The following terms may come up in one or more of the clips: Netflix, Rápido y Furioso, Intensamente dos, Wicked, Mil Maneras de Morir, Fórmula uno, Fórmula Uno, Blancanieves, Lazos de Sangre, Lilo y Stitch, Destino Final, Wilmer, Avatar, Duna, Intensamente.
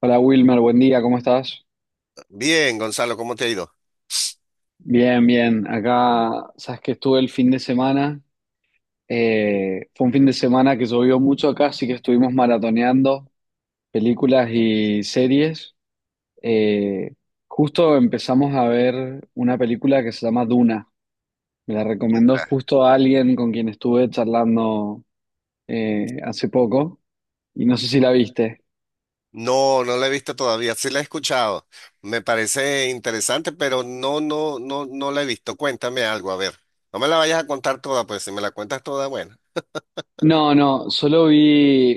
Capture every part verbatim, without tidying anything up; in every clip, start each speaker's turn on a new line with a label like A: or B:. A: Hola Wilmer, buen día, ¿cómo estás?
B: Bien, Gonzalo, ¿cómo te ha ido?
A: Bien, bien. Acá, sabes que estuve el fin de semana. Eh, fue un fin de semana que llovió mucho acá, así que estuvimos maratoneando películas y series. Eh, justo empezamos a ver una película que se llama Duna. Me la recomendó justo a alguien con quien estuve charlando eh, hace poco y no sé si la viste.
B: No, no la he visto todavía, sí la he escuchado. Me parece interesante, pero no, no, no, no la he visto. Cuéntame algo, a ver. No me la vayas a contar toda, pues si me la cuentas toda, bueno.
A: No, no, solo vi,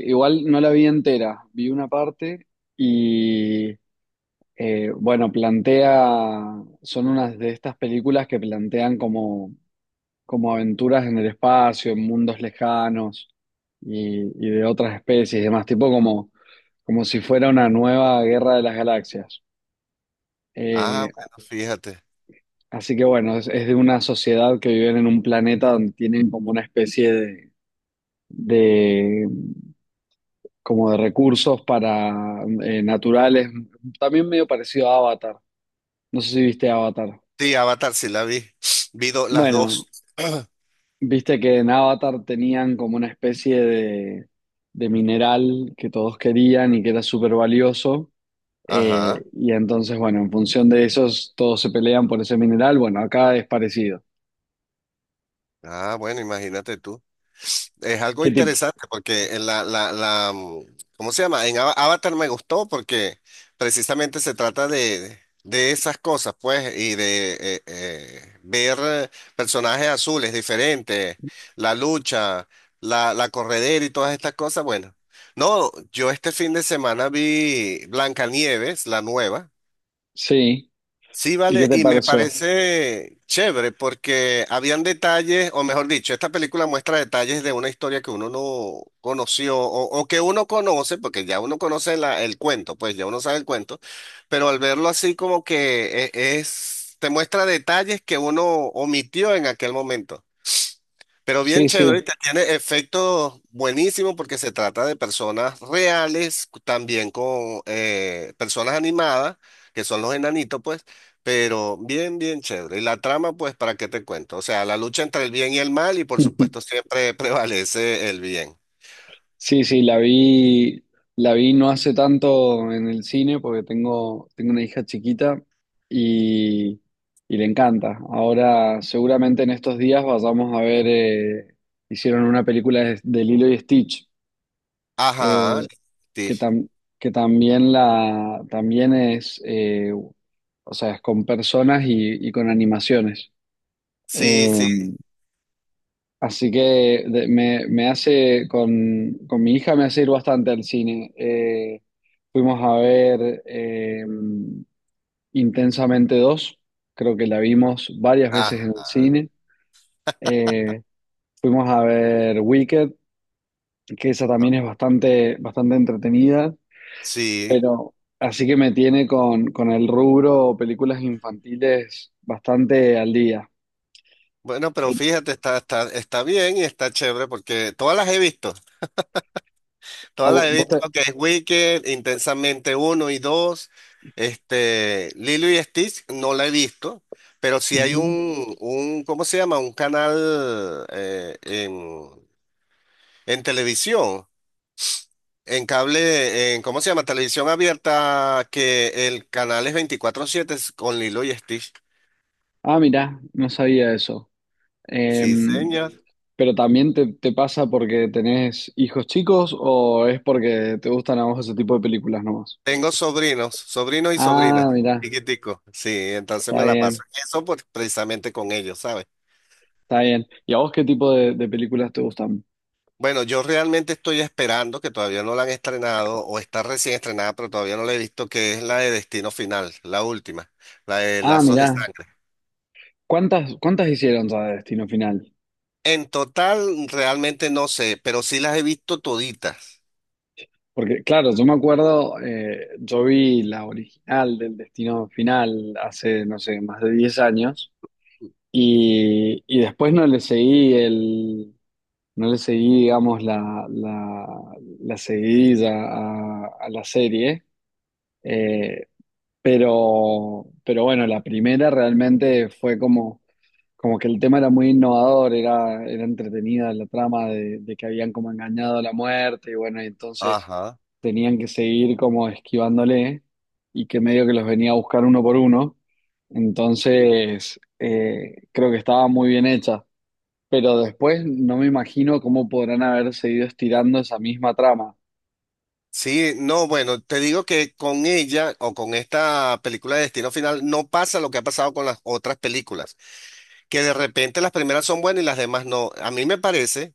A: igual no la vi entera, vi una parte y Eh, bueno, plantea, son unas de estas películas que plantean como, como aventuras en el espacio, en mundos lejanos y, y de otras especies y demás, tipo como, como si fuera una nueva guerra de las galaxias.
B: Ah,
A: Eh,
B: bueno, fíjate.
A: así que bueno, es, es de una sociedad que viven en un planeta donde tienen como una especie de, de- como de recursos para eh, naturales, también medio parecido a Avatar. No sé si viste Avatar.
B: Sí, Avatar sí la vi. Vi do- las
A: Bueno.
B: dos.
A: Viste que en Avatar tenían como una especie de, de mineral que todos querían y que era súper valioso.
B: Ajá.
A: Eh, y entonces, bueno, en función de esos, todos se pelean por ese mineral. Bueno, acá es parecido.
B: Ah, bueno, imagínate tú. Es algo
A: ¿Qué tipo?
B: interesante porque en la, la, la, mm, ¿cómo se llama? En Ava- Avatar me gustó porque precisamente se trata de, de esas cosas, pues, y de eh, eh, ver eh, personajes azules diferentes, la lucha, la, la corredera y todas estas cosas. Bueno, no, yo este fin de semana vi Blancanieves, la nueva.
A: Sí.
B: Sí,
A: ¿Y qué
B: vale,
A: te
B: y me
A: pareció?
B: parece chévere porque habían detalles, o mejor dicho, esta película muestra detalles de una historia que uno no conoció o, o que uno conoce, porque ya uno conoce la- el cuento, pues ya uno sabe el cuento, pero al verlo así como que e- es, te muestra detalles que uno omitió en aquel momento. Pero bien
A: Sí,
B: chévere y
A: sí.
B: te tiene efectos buenísimos porque se trata de personas reales, cu- también con eh, personas animadas, que son los enanitos, pues, pero bien, bien chévere. Y la trama, pues, ¿para qué te cuento? O sea, la lucha entre el bien y el mal y por supuesto siempre prevalece el bien.
A: Sí, sí, la vi, la vi no hace tanto en el cine porque tengo, tengo una hija chiquita y, y le encanta. Ahora, seguramente en estos días vayamos a ver, eh, hicieron una película de, de Lilo y Stitch,
B: Ajá,
A: eh,
B: sí,
A: que, tam- que también, la, también es, eh, o sea, es con personas y, y con animaciones.
B: sí,
A: Eh,
B: sí,
A: Así que de- me, me hace, con, con mi hija me hace ir bastante al cine. Eh, fuimos a ver eh, Intensamente dos, creo que la vimos varias veces en el
B: ajá,
A: cine. Eh, fuimos a ver Wicked, que esa también es bastante, bastante entretenida,
B: sí.
A: pero así que me tiene con, con el rubro películas infantiles bastante al día.
B: Bueno, pero fíjate, está, está, está bien y está chévere porque todas las he visto,
A: ¿A
B: todas las
A: vo-
B: he
A: vos
B: visto,
A: te-
B: que es Wicked, Intensamente uno y dos. Este, Lilo y Stitch, no la he visto, pero sí hay
A: Ujú.
B: un, un ¿cómo se llama? Un canal eh, en, en televisión, en cable, en, ¿cómo se llama? Televisión abierta, que el canal es veinticuatro siete con Lilo y Stitch.
A: Ah, mirá, no sabía eso.
B: Sí,
A: Em,
B: señor.
A: Pero también te, te pasa porque tenés hijos chicos o es porque te gustan a vos ese tipo de películas nomás.
B: Tengo sobrinos, sobrinos y sobrinas,
A: Ah, mirá,
B: chiquiticos. Sí, entonces
A: está
B: me la paso
A: bien,
B: en eso, por- precisamente con ellos, ¿sabes?
A: está bien. ¿Y a vos qué tipo de, de películas te gustan?
B: Bueno, yo realmente estoy esperando que todavía no la han estrenado o está recién estrenada, pero todavía no la he visto, que es la de Destino Final, la última, la de
A: Ah,
B: Lazos de
A: mirá,
B: Sangre.
A: ¿cuántas, cuántas hicieron ya de Destino Final?
B: En total, realmente no sé, pero sí las he visto toditas.
A: Porque claro, yo me acuerdo, eh, yo vi la original del Destino Final hace, no sé, más de diez años y, y después no le seguí el, No le seguí, digamos, la, la, la seguidilla a, a la serie, eh, pero, pero bueno, la primera realmente fue como, como que el tema era muy innovador, era, era entretenida la trama de, de que habían como engañado a la muerte y bueno, y entonces
B: Ajá.
A: tenían que seguir como esquivándole y que medio que los venía a buscar uno por uno, entonces eh, creo que estaba muy bien hecha. Pero después no me imagino cómo podrán haber seguido estirando esa misma trama.
B: Sí, no, bueno, te digo que con ella o con esta película de Destino Final no pasa lo que ha pasado con las otras películas, que de repente las primeras son buenas y las demás no. A mí me parece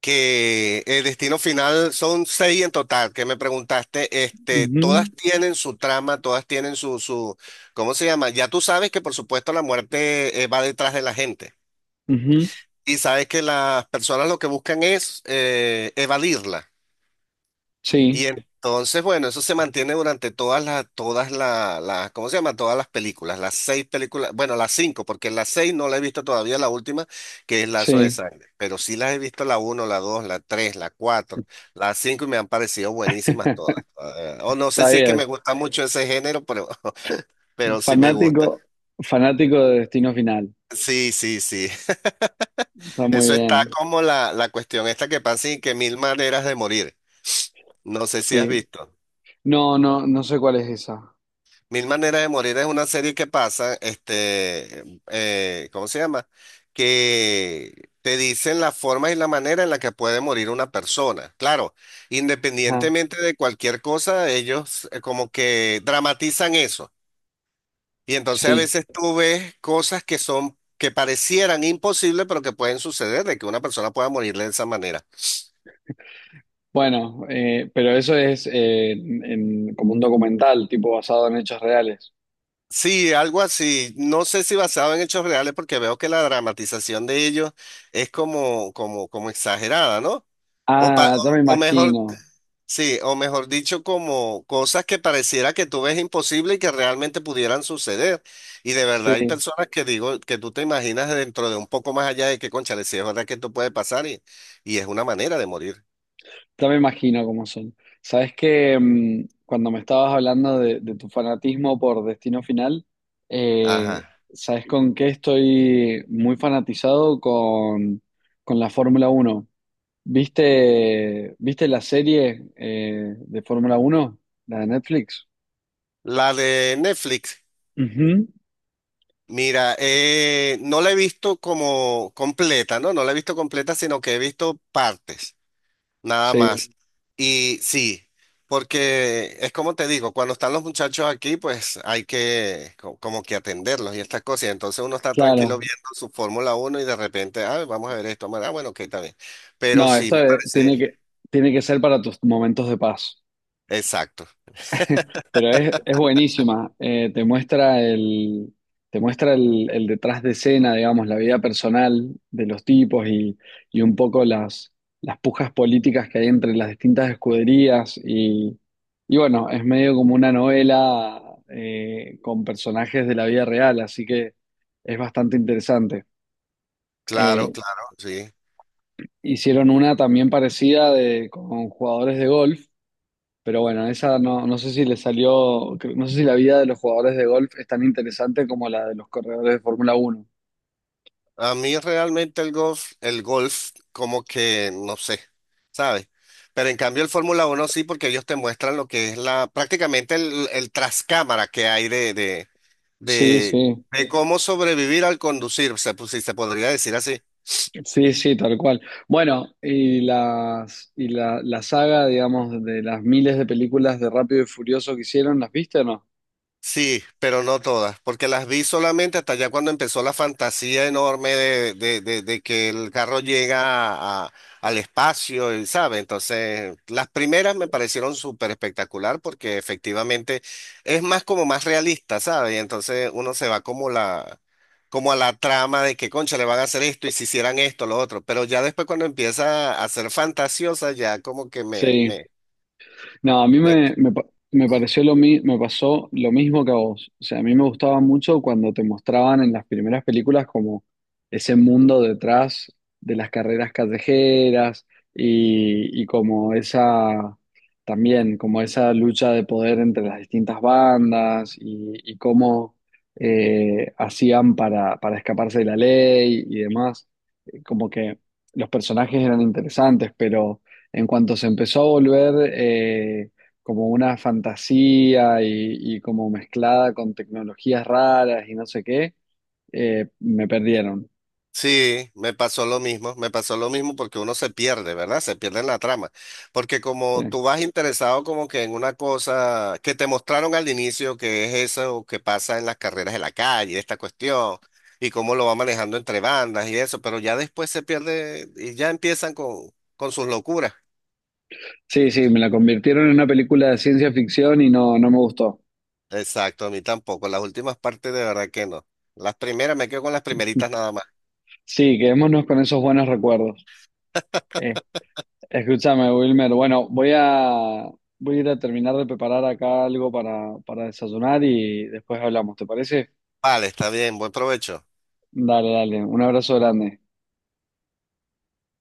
B: que el destino final son seis en total, que me preguntaste, este, todas
A: Ujú,
B: tienen su trama, todas tienen su, su, ¿cómo se llama? Ya tú sabes que por supuesto la muerte eh, va detrás de la gente
A: ujú.
B: y sabes que las personas lo que buscan es eh, evadirla. Y
A: Sí,
B: entonces, bueno, eso se mantiene durante todas las, todas la- las, ¿cómo se llama? Todas las películas, las seis películas, bueno, las cinco, porque las seis no la he visto todavía, la última, que es Lazo de
A: sí,
B: Sangre, pero sí las he visto la uno, la dos, la tres, la cuatro, las cinco y me han parecido buenísimas todas. Eh, o no sé
A: está
B: si es que
A: bien.
B: me gusta mucho ese género, pero, pero sí me gusta.
A: Fanático, fanático de Destino Final.
B: Sí, sí, sí.
A: Está muy
B: Eso está
A: bien.
B: como la, la cuestión esta que pasa y que mil maneras de morir. No sé si has
A: Sí.
B: visto.
A: No, no, no sé cuál es esa.
B: Mil Maneras de Morir es una serie que pasa, este, eh, ¿cómo se llama? Que te dicen la forma y la manera en la que puede morir una persona. Claro,
A: Ajá.
B: independientemente de cualquier cosa, ellos eh, como que dramatizan eso. Y entonces a
A: Sí.
B: veces tú ves cosas que son, que parecieran imposibles, pero que pueden suceder, de que una persona pueda morir de esa manera.
A: Bueno, eh, pero eso es eh, en- en- como un documental, tipo basado en hechos reales.
B: Sí, algo así. No sé si basado en hechos reales, porque veo que la dramatización de ellos es como, como, como exagerada, ¿no? O, pa-
A: Ah, ya me
B: o o mejor,
A: imagino.
B: sí, o mejor dicho, como cosas que pareciera que tú ves imposible y que realmente pudieran suceder. Y de verdad hay
A: Sí,
B: personas que digo que tú te imaginas dentro de un poco más allá de que, cónchale, si es verdad que esto puede pasar y, y es una manera de morir.
A: ya me imagino cómo son. Sabes que mm, cuando me estabas hablando de, de tu fanatismo por Destino Final, eh,
B: Ajá.
A: ¿sabes con qué estoy muy fanatizado? Con, con la Fórmula Uno. ¿Viste, viste la serie eh, de Fórmula Uno, la de Netflix?
B: La de Netflix.
A: Ujú,
B: Mira, eh, no la he visto como completa, ¿no? No la he visto completa, sino que he visto partes, nada
A: sí,
B: más. Y sí, porque es como te digo, cuando están los muchachos aquí, pues hay que co- como que atenderlos y estas cosas. Y entonces uno está tranquilo
A: claro.
B: viendo su Fórmula uno y de repente, ah, vamos a ver esto, ah, bueno, ok, está bien. Pero
A: No,
B: sí,
A: esto
B: me
A: eh, tiene
B: parece,
A: que, tiene que ser para tus momentos de paz.
B: exacto,
A: Pero es, es buenísima, eh, te muestra el, te muestra el, el detrás de escena, digamos, la vida personal de los tipos y, y un poco las, las pujas políticas que hay entre las distintas escuderías. Y, y bueno, es medio como una novela eh, con personajes de la vida real, así que es bastante interesante.
B: claro,
A: Eh,
B: claro, sí.
A: hicieron una también parecida de, con jugadores de golf. Pero bueno, esa no, no sé si le salió, cre- no sé si la vida de los jugadores de golf es tan interesante como la de los corredores de Fórmula uno.
B: A mí realmente el golf, el golf, como que no sé, ¿sabes? Pero en cambio el Fórmula uno sí, porque ellos te muestran lo que es la, prácticamente el, el trascámara que hay de, de,
A: Sí,
B: de,
A: sí,
B: de cómo sobrevivir al conducir, se, pues, si se podría decir así.
A: sí, sí, tal cual. Bueno, y las, y la, la saga, digamos, de las miles de películas de Rápido y Furioso que hicieron, ¿las viste o no?
B: Sí, pero no todas, porque las vi solamente hasta ya cuando empezó la fantasía enorme de, de, de- de que el carro llega a- al espacio, y sabe. Entonces, las primeras me parecieron súper espectacular porque efectivamente es más como más realista, ¿sabes? Y entonces uno se va como la, como a la trama de que, concha, le van a hacer esto y si hicieran esto, lo otro. Pero ya después cuando empieza a ser fantasiosa, ya como que me,
A: Sí,
B: me,
A: no, a mí
B: me.
A: me, me, pa- me pareció lo mi- me pasó lo mismo que a vos. O sea, a mí me gustaba mucho cuando te mostraban en las primeras películas como ese mundo detrás de las carreras callejeras y, y como esa, también como esa lucha de poder entre las distintas bandas y, y cómo eh, hacían para, para escaparse de la ley y demás. Eh, Como que los personajes eran interesantes, pero en cuanto se empezó a volver eh, como una fantasía y, y como mezclada con tecnologías raras y no sé qué, eh, me perdieron.
B: Sí, me pasó lo mismo, me pasó lo mismo porque uno se pierde, ¿verdad? Se pierde en la trama. Porque como
A: Sí.
B: tú vas interesado como que en una cosa que te mostraron al inicio, que es eso que pasa en las carreras de la calle, esta cuestión, y cómo lo va manejando entre bandas y eso, pero ya después se pierde y ya empiezan con, con sus locuras.
A: Sí, sí, me la convirtieron en una película de ciencia ficción y no, no me gustó.
B: Exacto, a mí tampoco. Las últimas partes de verdad que no. Las primeras me quedo con las primeritas nada más.
A: Sí, quedémonos con esos buenos recuerdos. Eh, escúchame, Wilmer. Bueno, voy a, voy a ir a terminar de preparar acá algo para, para desayunar y después hablamos, ¿te parece?
B: Vale, está bien, buen provecho.
A: Dale, dale. Un abrazo grande.